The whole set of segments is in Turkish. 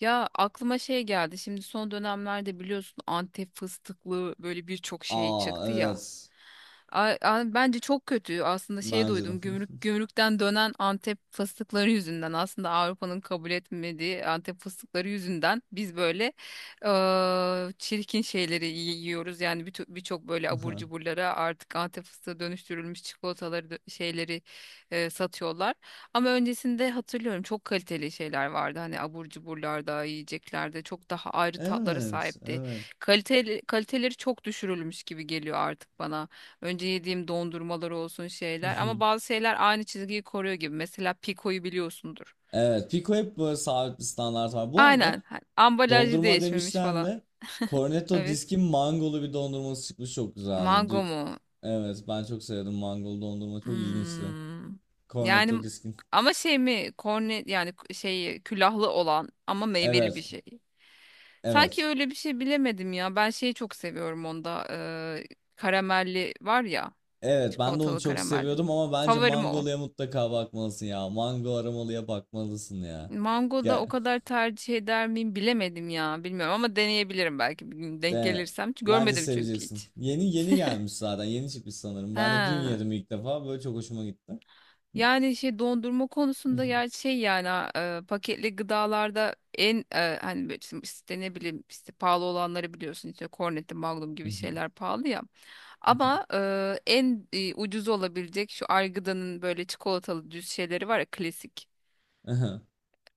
Ya aklıma şey geldi. Şimdi son dönemlerde biliyorsun Antep fıstıklı böyle birçok şey Aa, çıktı ya. evet. Bence çok kötü. Aslında şey Bence de. duydum. Gümrükten dönen Antep fıstıkları yüzünden, aslında Avrupa'nın kabul etmediği Antep fıstıkları yüzünden biz böyle çirkin şeyleri yiyoruz. Yani birçok böyle abur cuburlara artık Antep fıstığı dönüştürülmüş çikolataları şeyleri satıyorlar. Ama öncesinde hatırlıyorum, çok kaliteli şeyler vardı. Hani abur cuburlarda, yiyeceklerde çok daha ayrı tatlara Evet, sahipti. evet. Kaliteli, kaliteleri çok düşürülmüş gibi geliyor artık bana. Önce yediğim dondurmalar olsun Hı şeyler, ama hı. bazı şeyler aynı çizgiyi koruyor gibi. Mesela Pico'yu biliyorsundur. Evet, Pico hep böyle sabit bir standart var. Bu arada Aynen. Ambalajı dondurma değişmemiş demişken falan. de Cornetto Evet. Disk'in mangolu bir dondurması çıkmış, çok güzeldi. Mango Dü- mu? evet, ben çok sevdim, mangolu dondurma çok ilginçti. Hmm. Cornetto Yani Disk'in. ama şey mi, korne yani, şey külahlı olan ama meyveli bir Evet, şey. Sanki evet. öyle bir şey, bilemedim ya. Ben şeyi çok seviyorum onda. Karamelli var ya. Evet, ben de onu Çikolatalı çok karamelli. seviyordum ama bence Favorim o. mangoluya mutlaka bakmalısın ya. Mango aromalıya bakmalısın ya. Mango da Gel. o kadar tercih eder miyim, bilemedim ya. Bilmiyorum, ama deneyebilirim belki bir gün denk Yani gelirsem. Hiç bence görmedim çünkü seveceksin. hiç. Yeni yeni gelmiş zaten. Yeni çıkmış sanırım. Ben de dün He. yedim ilk defa. Böyle çok hoşuma gitti. Yani şey, dondurma konusunda ya şey yani ha, paketli gıdalarda en hani böyle işte ne bileyim işte, pahalı olanları biliyorsun işte, Cornetto, Magnum gibi şeyler pahalı ya. Ama en ucuz olabilecek şu Argıda'nın böyle çikolatalı düz şeyleri var ya, klasik.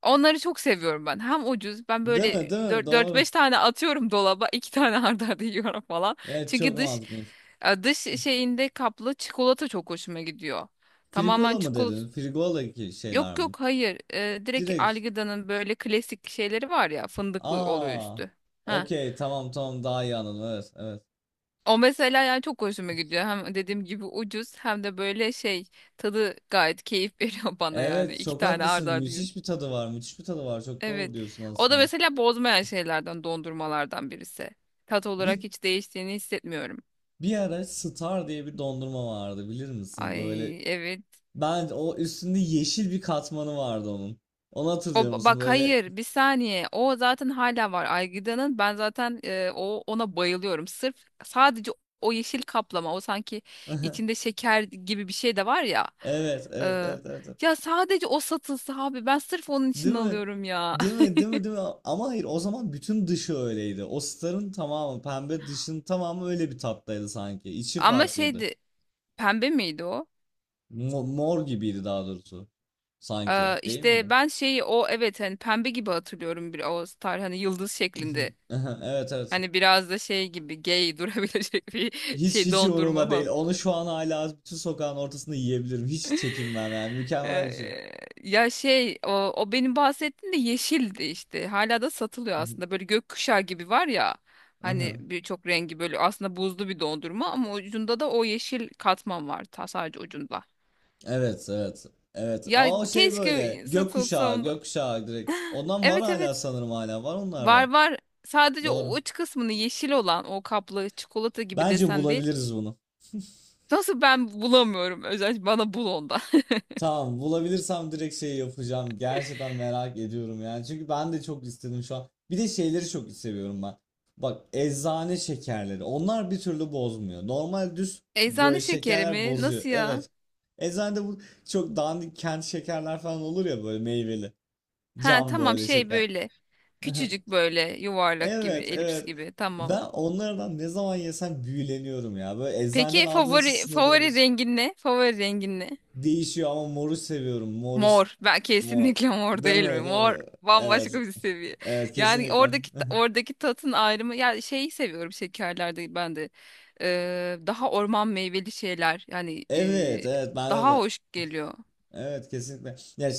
Onları çok seviyorum ben. Hem ucuz, ben Değil böyle mi? Değil mi? dört Doğru. beş tane atıyorum dolaba, 2 tane arda arda yiyorum falan. Evet, çok Çünkü dış mantıklı. Dış şeyinde kaplı çikolata çok hoşuma gidiyor. Tamamen Frigola mı çikolata. dedin? Frigola ki şeyler Yok mi? yok, hayır. Direkt Direkt. Algida'nın böyle klasik şeyleri var ya, fındıklı oluyor Aa. üstü. Ha. Okey, tamam tamam, daha iyi anladım. Evet, evet. O mesela yani çok hoşuma gidiyor. Hem dediğim gibi ucuz, hem de böyle şey, tadı gayet keyif veriyor bana yani. Evet, İki çok tane ard haklısın. arda yiyorum. Müthiş bir tadı var. Müthiş bir tadı var. Çok doğru Evet. diyorsun O da aslında. mesela bozmayan şeylerden, dondurmalardan birisi. Tat olarak Bir, hiç değiştiğini hissetmiyorum. bir ara Star diye bir dondurma vardı, bilir misin? Böyle Ay evet. ben, o üstünde yeşil bir katmanı vardı onun. Onu hatırlıyor O musun bak böyle? hayır, bir saniye, o zaten hala var Aygıda'nın, ben zaten o, ona bayılıyorum sırf, sadece o yeşil kaplama, o sanki içinde şeker gibi bir şey de var ya. Evet, E, evet, evet, evet, evet. ya sadece o satılsa abi, ben sırf onun için Değil mi? alıyorum ya. Değil mi? Değil mi? Değil mi? Ama hayır, o zaman bütün dışı öyleydi. O starın tamamı pembe, dışın tamamı öyle bir tattaydı sanki. İçi Ama farklıydı. şeydi, pembe miydi o? Mo- mor gibiydi daha doğrusu. Sanki. Değil İşte miydi? ben şeyi o, evet hani pembe gibi hatırlıyorum bir, o star hani yıldız şeklinde, Evet, evet. hani biraz da şey gibi gay durabilecek bir Hiç şey hiç dondurma umurumda değil. falan. Onu şu an hala bütün sokağın ortasında yiyebilirim. Hiç çekinmem yani. Mükemmel bir şey. Ee, ya şey, o, o benim bahsettiğim de yeşildi işte. Hala da satılıyor aslında. Böyle gökkuşağı gibi var ya. Hani birçok rengi böyle, aslında buzlu bir dondurma ama ucunda da o yeşil katman var. Ta sadece ucunda. Evet, evet. Evet. Ya Aa, o şey böyle. keşke satılsa Gökkuşağı, onda. gökkuşağı direkt. Ondan var Evet, hala evet. sanırım, hala. Var onlardan. Var var. Sadece o Doğru. uç kısmını yeşil olan, o kaplı çikolata gibi Bence desen değil. bulabiliriz bunu. Nasıl ben bulamıyorum? Özellikle bana bul onda. Tamam, bulabilirsem direkt şey yapacağım. Gerçekten merak ediyorum yani. Çünkü ben de çok istedim şu an. Bir de şeyleri çok seviyorum ben. Bak, eczane şekerleri. Onlar bir türlü bozmuyor. Normal düz Eczane böyle şekeri şekerler mi? bozuyor. Nasıl ya? Evet. Eczanede bu çok dandik kent şekerler falan olur ya, böyle meyveli. Ha Cam tamam, böyle şey şeker. böyle. Küçücük böyle yuvarlak gibi, Evet, elips evet. gibi. Tamam. Ben onlardan ne zaman yesem büyüleniyorum ya. Böyle eczaneden Peki aldığın için favori, sınırlı favori olur. rengin ne? Favori rengin ne? Değişiyor ama moru seviyorum. Moru, s- Mor. Ben mor. kesinlikle mor, Değil değil mi? mi? Değil Mor mi? bambaşka Evet. bir seviye. Evet, Yani kesinlikle. oradaki oradaki tatın ayrımı, yani şeyi seviyorum şekerlerde ben de. Daha orman meyveli şeyler. Yani Evet, evet. Ben daha de hoş geliyor. evet, kesinlikle. Ya, ş-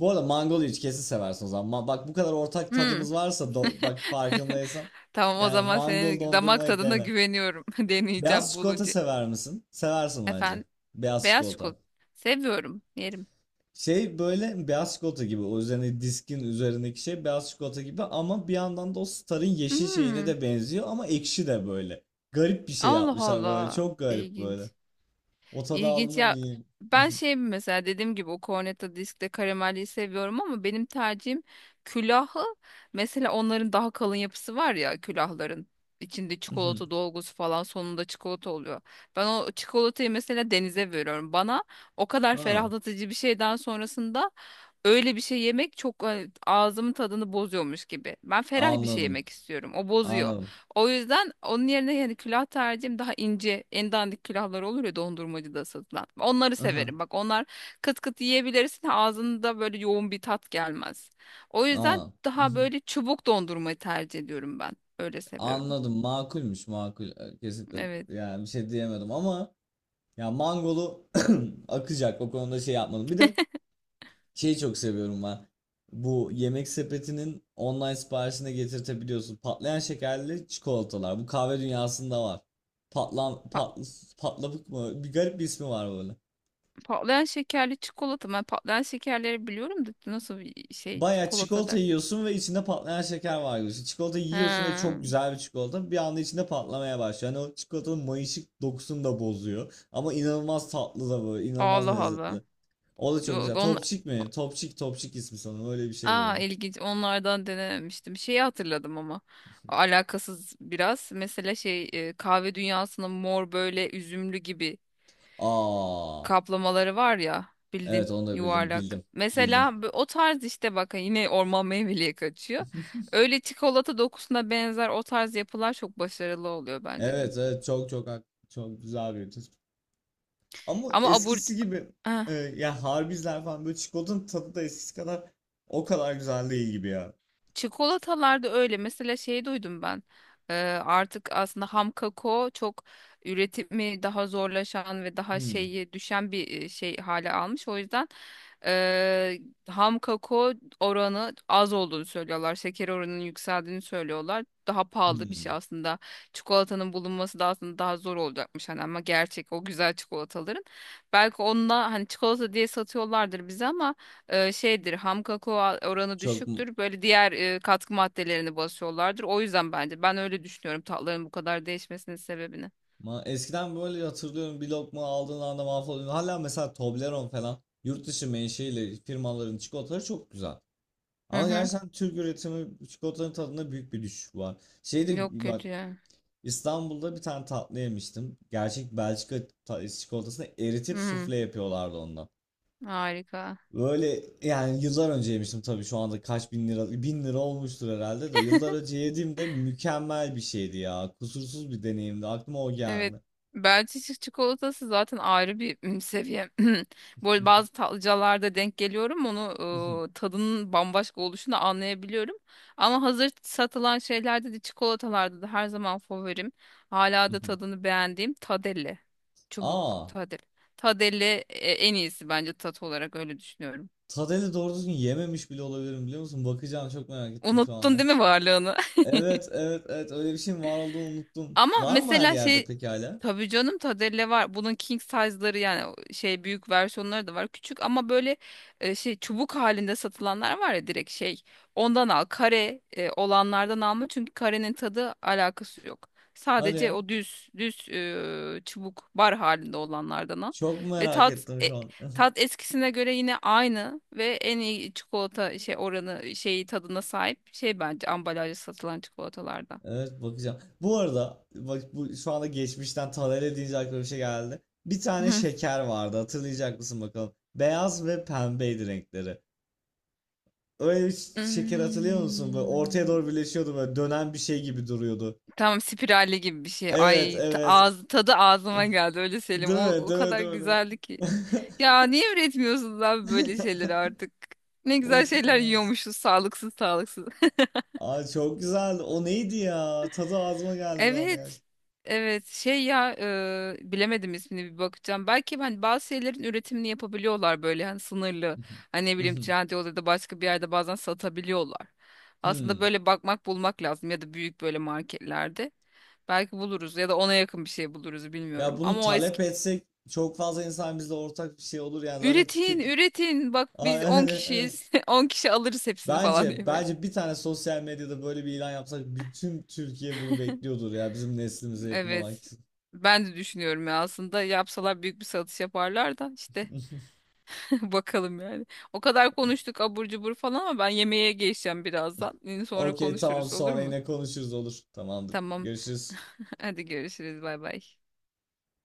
bu arada mangolu hiç kesin seversin o zaman. Ma- bak, bu kadar ortak Hmm. tadımız varsa do- bak, farkındaysan. Tamam, o Yani zaman mangol senin damak dondurmayı tadına dene. güveniyorum. Beyaz Deneyeceğim çikolata bulunca. sever misin? Seversin bence. Efendim? Beyaz Beyaz çikolata. çikolata. Seviyorum. Yerim. Şey böyle beyaz çikolata gibi, o üzerine diskin üzerindeki şey beyaz çikolata gibi ama bir yandan da o Star'ın yeşil şeyine Hmm. de benziyor ama ekşi de böyle. Garip bir şey Allah yapmışlar böyle, Allah. çok garip böyle. İlginç. O tadı İlginç aldığımda ya. iyi. Ben şey mesela, dediğim gibi o Cornetto Disk'te karamelliyi seviyorum, ama benim tercihim külahı. Mesela onların daha kalın yapısı var ya, külahların. İçinde çikolata dolgusu falan, sonunda çikolata oluyor. Ben o çikolatayı mesela denize veriyorum. Bana o kadar Ha, ferahlatıcı bir şeyden sonrasında öyle bir şey yemek çok ağzımın tadını bozuyormuş gibi. Ben ferah bir şey anladım yemek istiyorum. O bozuyor. anladım. O yüzden onun yerine yani külah tercihim daha ince, en dandik külahlar olur ya dondurmacıda satılan. Onları Aha, severim. Bak onlar kıt kıt yiyebilirsin. Ağzında böyle yoğun bir tat gelmez. O yüzden aa, daha mhm. böyle çubuk dondurmayı tercih ediyorum ben. Öyle seviyorum. Anladım, makulmüş makul. Kesinlikle Evet. yani bir şey diyemedim ama ya mangolu akacak o konuda şey yapmadım. Bir de şeyi çok seviyorum ben. Bu yemek sepetinin online siparişine getirtebiliyorsun. Patlayan şekerli çikolatalar. Bu kahve dünyasında var. Patlan, Pa- pat, patlabık mı? Bir garip bir ismi var böyle. Patlayan şekerli çikolata. Ben patlayan şekerleri biliyorum da, nasıl bir şey Baya çikolata çikolata der. yiyorsun ve içinde patlayan şeker var gibi. Çikolata yiyorsun ve çok He. güzel bir çikolata. Bir anda içinde patlamaya başlıyor. Yani o çikolatanın mayışık dokusunu da bozuyor. Ama inanılmaz tatlı da böyle. İnanılmaz Allah Allah. lezzetli. O da çok Yo, güzel. onlar. Topçik mi? Topçik, Topçik ismi sanırım. Öyle bir şey Aa böyle. ilginç, onlardan denememiştim. Şeyi hatırladım ama alakasız biraz. Mesela şey, kahve dünyasının mor böyle üzümlü gibi Aa. kaplamaları var ya, Evet, bildin, onu da bildim. yuvarlak. Bildim. Bildim. Mesela o tarz işte, bak hani yine orman meyveliye kaçıyor. Öyle çikolata dokusuna benzer o tarz yapılar çok başarılı oluyor bence de. Evet evet, çok çok hak- çok güzel bir tespit. Ama Ama abur... eskisi gibi ya harbizler falan böyle çikolatanın tadı da eskisi kadar o kadar güzel değil gibi ya. Çikolatalarda öyle. Mesela şey duydum ben. Ee, artık aslında ham kakao çok, üretimi daha zorlaşan ve daha Hmm, şeyi düşen bir şey hale almış. O yüzden e, ham kakao oranı az olduğunu söylüyorlar. Şeker oranının yükseldiğini söylüyorlar. Daha pahalı bir şey hmm. aslında. Çikolatanın bulunması da aslında daha zor olacakmış hani, ama gerçek o güzel çikolataların. Belki onunla hani çikolata diye satıyorlardır bize, ama şeydir, ham kakao oranı Çok mu- düşüktür. Böyle diğer katkı maddelerini basıyorlardır. O yüzden bence, ben öyle düşünüyorum tatların bu kadar değişmesinin sebebini. Eskiden böyle hatırlıyorum, bir lokma aldığın anda mahvoluyordun. Hala mesela Toblerone falan yurt dışı menşeili firmaların çikolataları çok güzel. Hı Ama hı. gerçekten Türk üretimi çikolatanın tadında büyük bir düşüş var. Şeyde Yok, bak, kötü ya. İstanbul'da bir tane tatlı yemiştim. Gerçek Belçika ta- çikolatasını Hı eritip hı. sufle yapıyorlardı ondan. Harika. Böyle yani yıllar önce yemiştim, tabii şu anda kaç bin lira bin lira olmuştur herhalde, de yıllar önce yediğimde mükemmel bir şeydi ya. Kusursuz bir deneyimdi. Aklıma o Evet. geldi. Belçika çikolatası zaten ayrı bir seviye. Böyle bazı tatlıcılarda denk geliyorum. Onu tadının bambaşka oluşunu anlayabiliyorum. Ama hazır satılan şeylerde de, çikolatalarda da her zaman favorim, Hala da tadını beğendiğim Tadelle. Çubuk Aa, Tadel. Tadelle en iyisi bence tat olarak, öyle düşünüyorum. Tadeli doğru düzgün yememiş bile olabilirim, biliyor musun? Bakacağım, çok merak ettim şu Unuttun anda. değil mi varlığını? Evet evet evet, öyle bir şeyin var olduğunu unuttum. Ama Var mı her mesela yerde şey, peki hala? tabii canım Tadelle var. Bunun king size'ları yani o şey büyük versiyonları da var. Küçük ama böyle şey çubuk halinde satılanlar var ya, direkt şey. Ondan al. Kare olanlardan alma, çünkü karenin tadı alakası yok. Hadi Sadece ya. o düz düz çubuk bar halinde olanlardan al. Çok Ve merak tat ettim şu an. tat eskisine göre yine aynı ve en iyi çikolata şey oranı, şeyi tadına sahip şey bence, ambalajda satılan çikolatalardan. Evet, bakacağım. Bu arada bak, bu şu anda geçmişten Taner'e deyince aklıma bir şey geldi. Bir tane şeker vardı, hatırlayacak mısın bakalım. Beyaz ve pembeydi renkleri. Öyle bir şeker hatırlıyor musun? Böyle ortaya Hmm, doğru birleşiyordu, böyle dönen bir şey gibi duruyordu. tamam, spiralli gibi bir şey. Evet, Ay evet. ağzı tadı ağzıma geldi öyle Selim. Değil O, mi? o Değil mi? kadar Değil mi? Değil mi? güzeldi ki. Ya niye üretmiyorsunuz abi böyle şeyleri artık? Ne güzel Of, şeyler evet. yiyormuşuz, sağlıksız sağlıksız. Ay çok güzeldi. O neydi ya? Tadı ağzıma geldi bir anda Evet. gerçekten. Evet şey ya, bilemedim ismini, bir bakacağım. Belki hani bazı şeylerin üretimini yapabiliyorlar böyle hani sınırlı. Hani ne bileyim, Trendyol'da ya da başka bir yerde bazen satabiliyorlar. Aslında Hmm. böyle bakmak bulmak lazım, ya da büyük böyle marketlerde. Belki buluruz ya da ona yakın bir şey buluruz, Ya bilmiyorum. bunu Ama o talep eski, etsek çok fazla insan bizle ortak bir şey olur yani zaten üretin tüke... üretin, bak Aa, biz 10 yani, evet. kişiyiz 10 kişi alırız hepsini falan Bence diye böyle. bence bir tane sosyal medyada böyle bir ilan yapsak bütün Türkiye bunu bekliyordur ya, bizim neslimize yakın olan Evet, kişi. ben de düşünüyorum ya, aslında yapsalar büyük bir satış yaparlar da işte. Bakalım yani. O kadar konuştuk abur cubur falan, ama ben yemeğe geçeceğim birazdan. Yine sonra Okey, tamam, konuşuruz, olur sonra mu? yine konuşuruz olur. Tamamdır. Tamam. Görüşürüz. Hadi görüşürüz. Bay bay.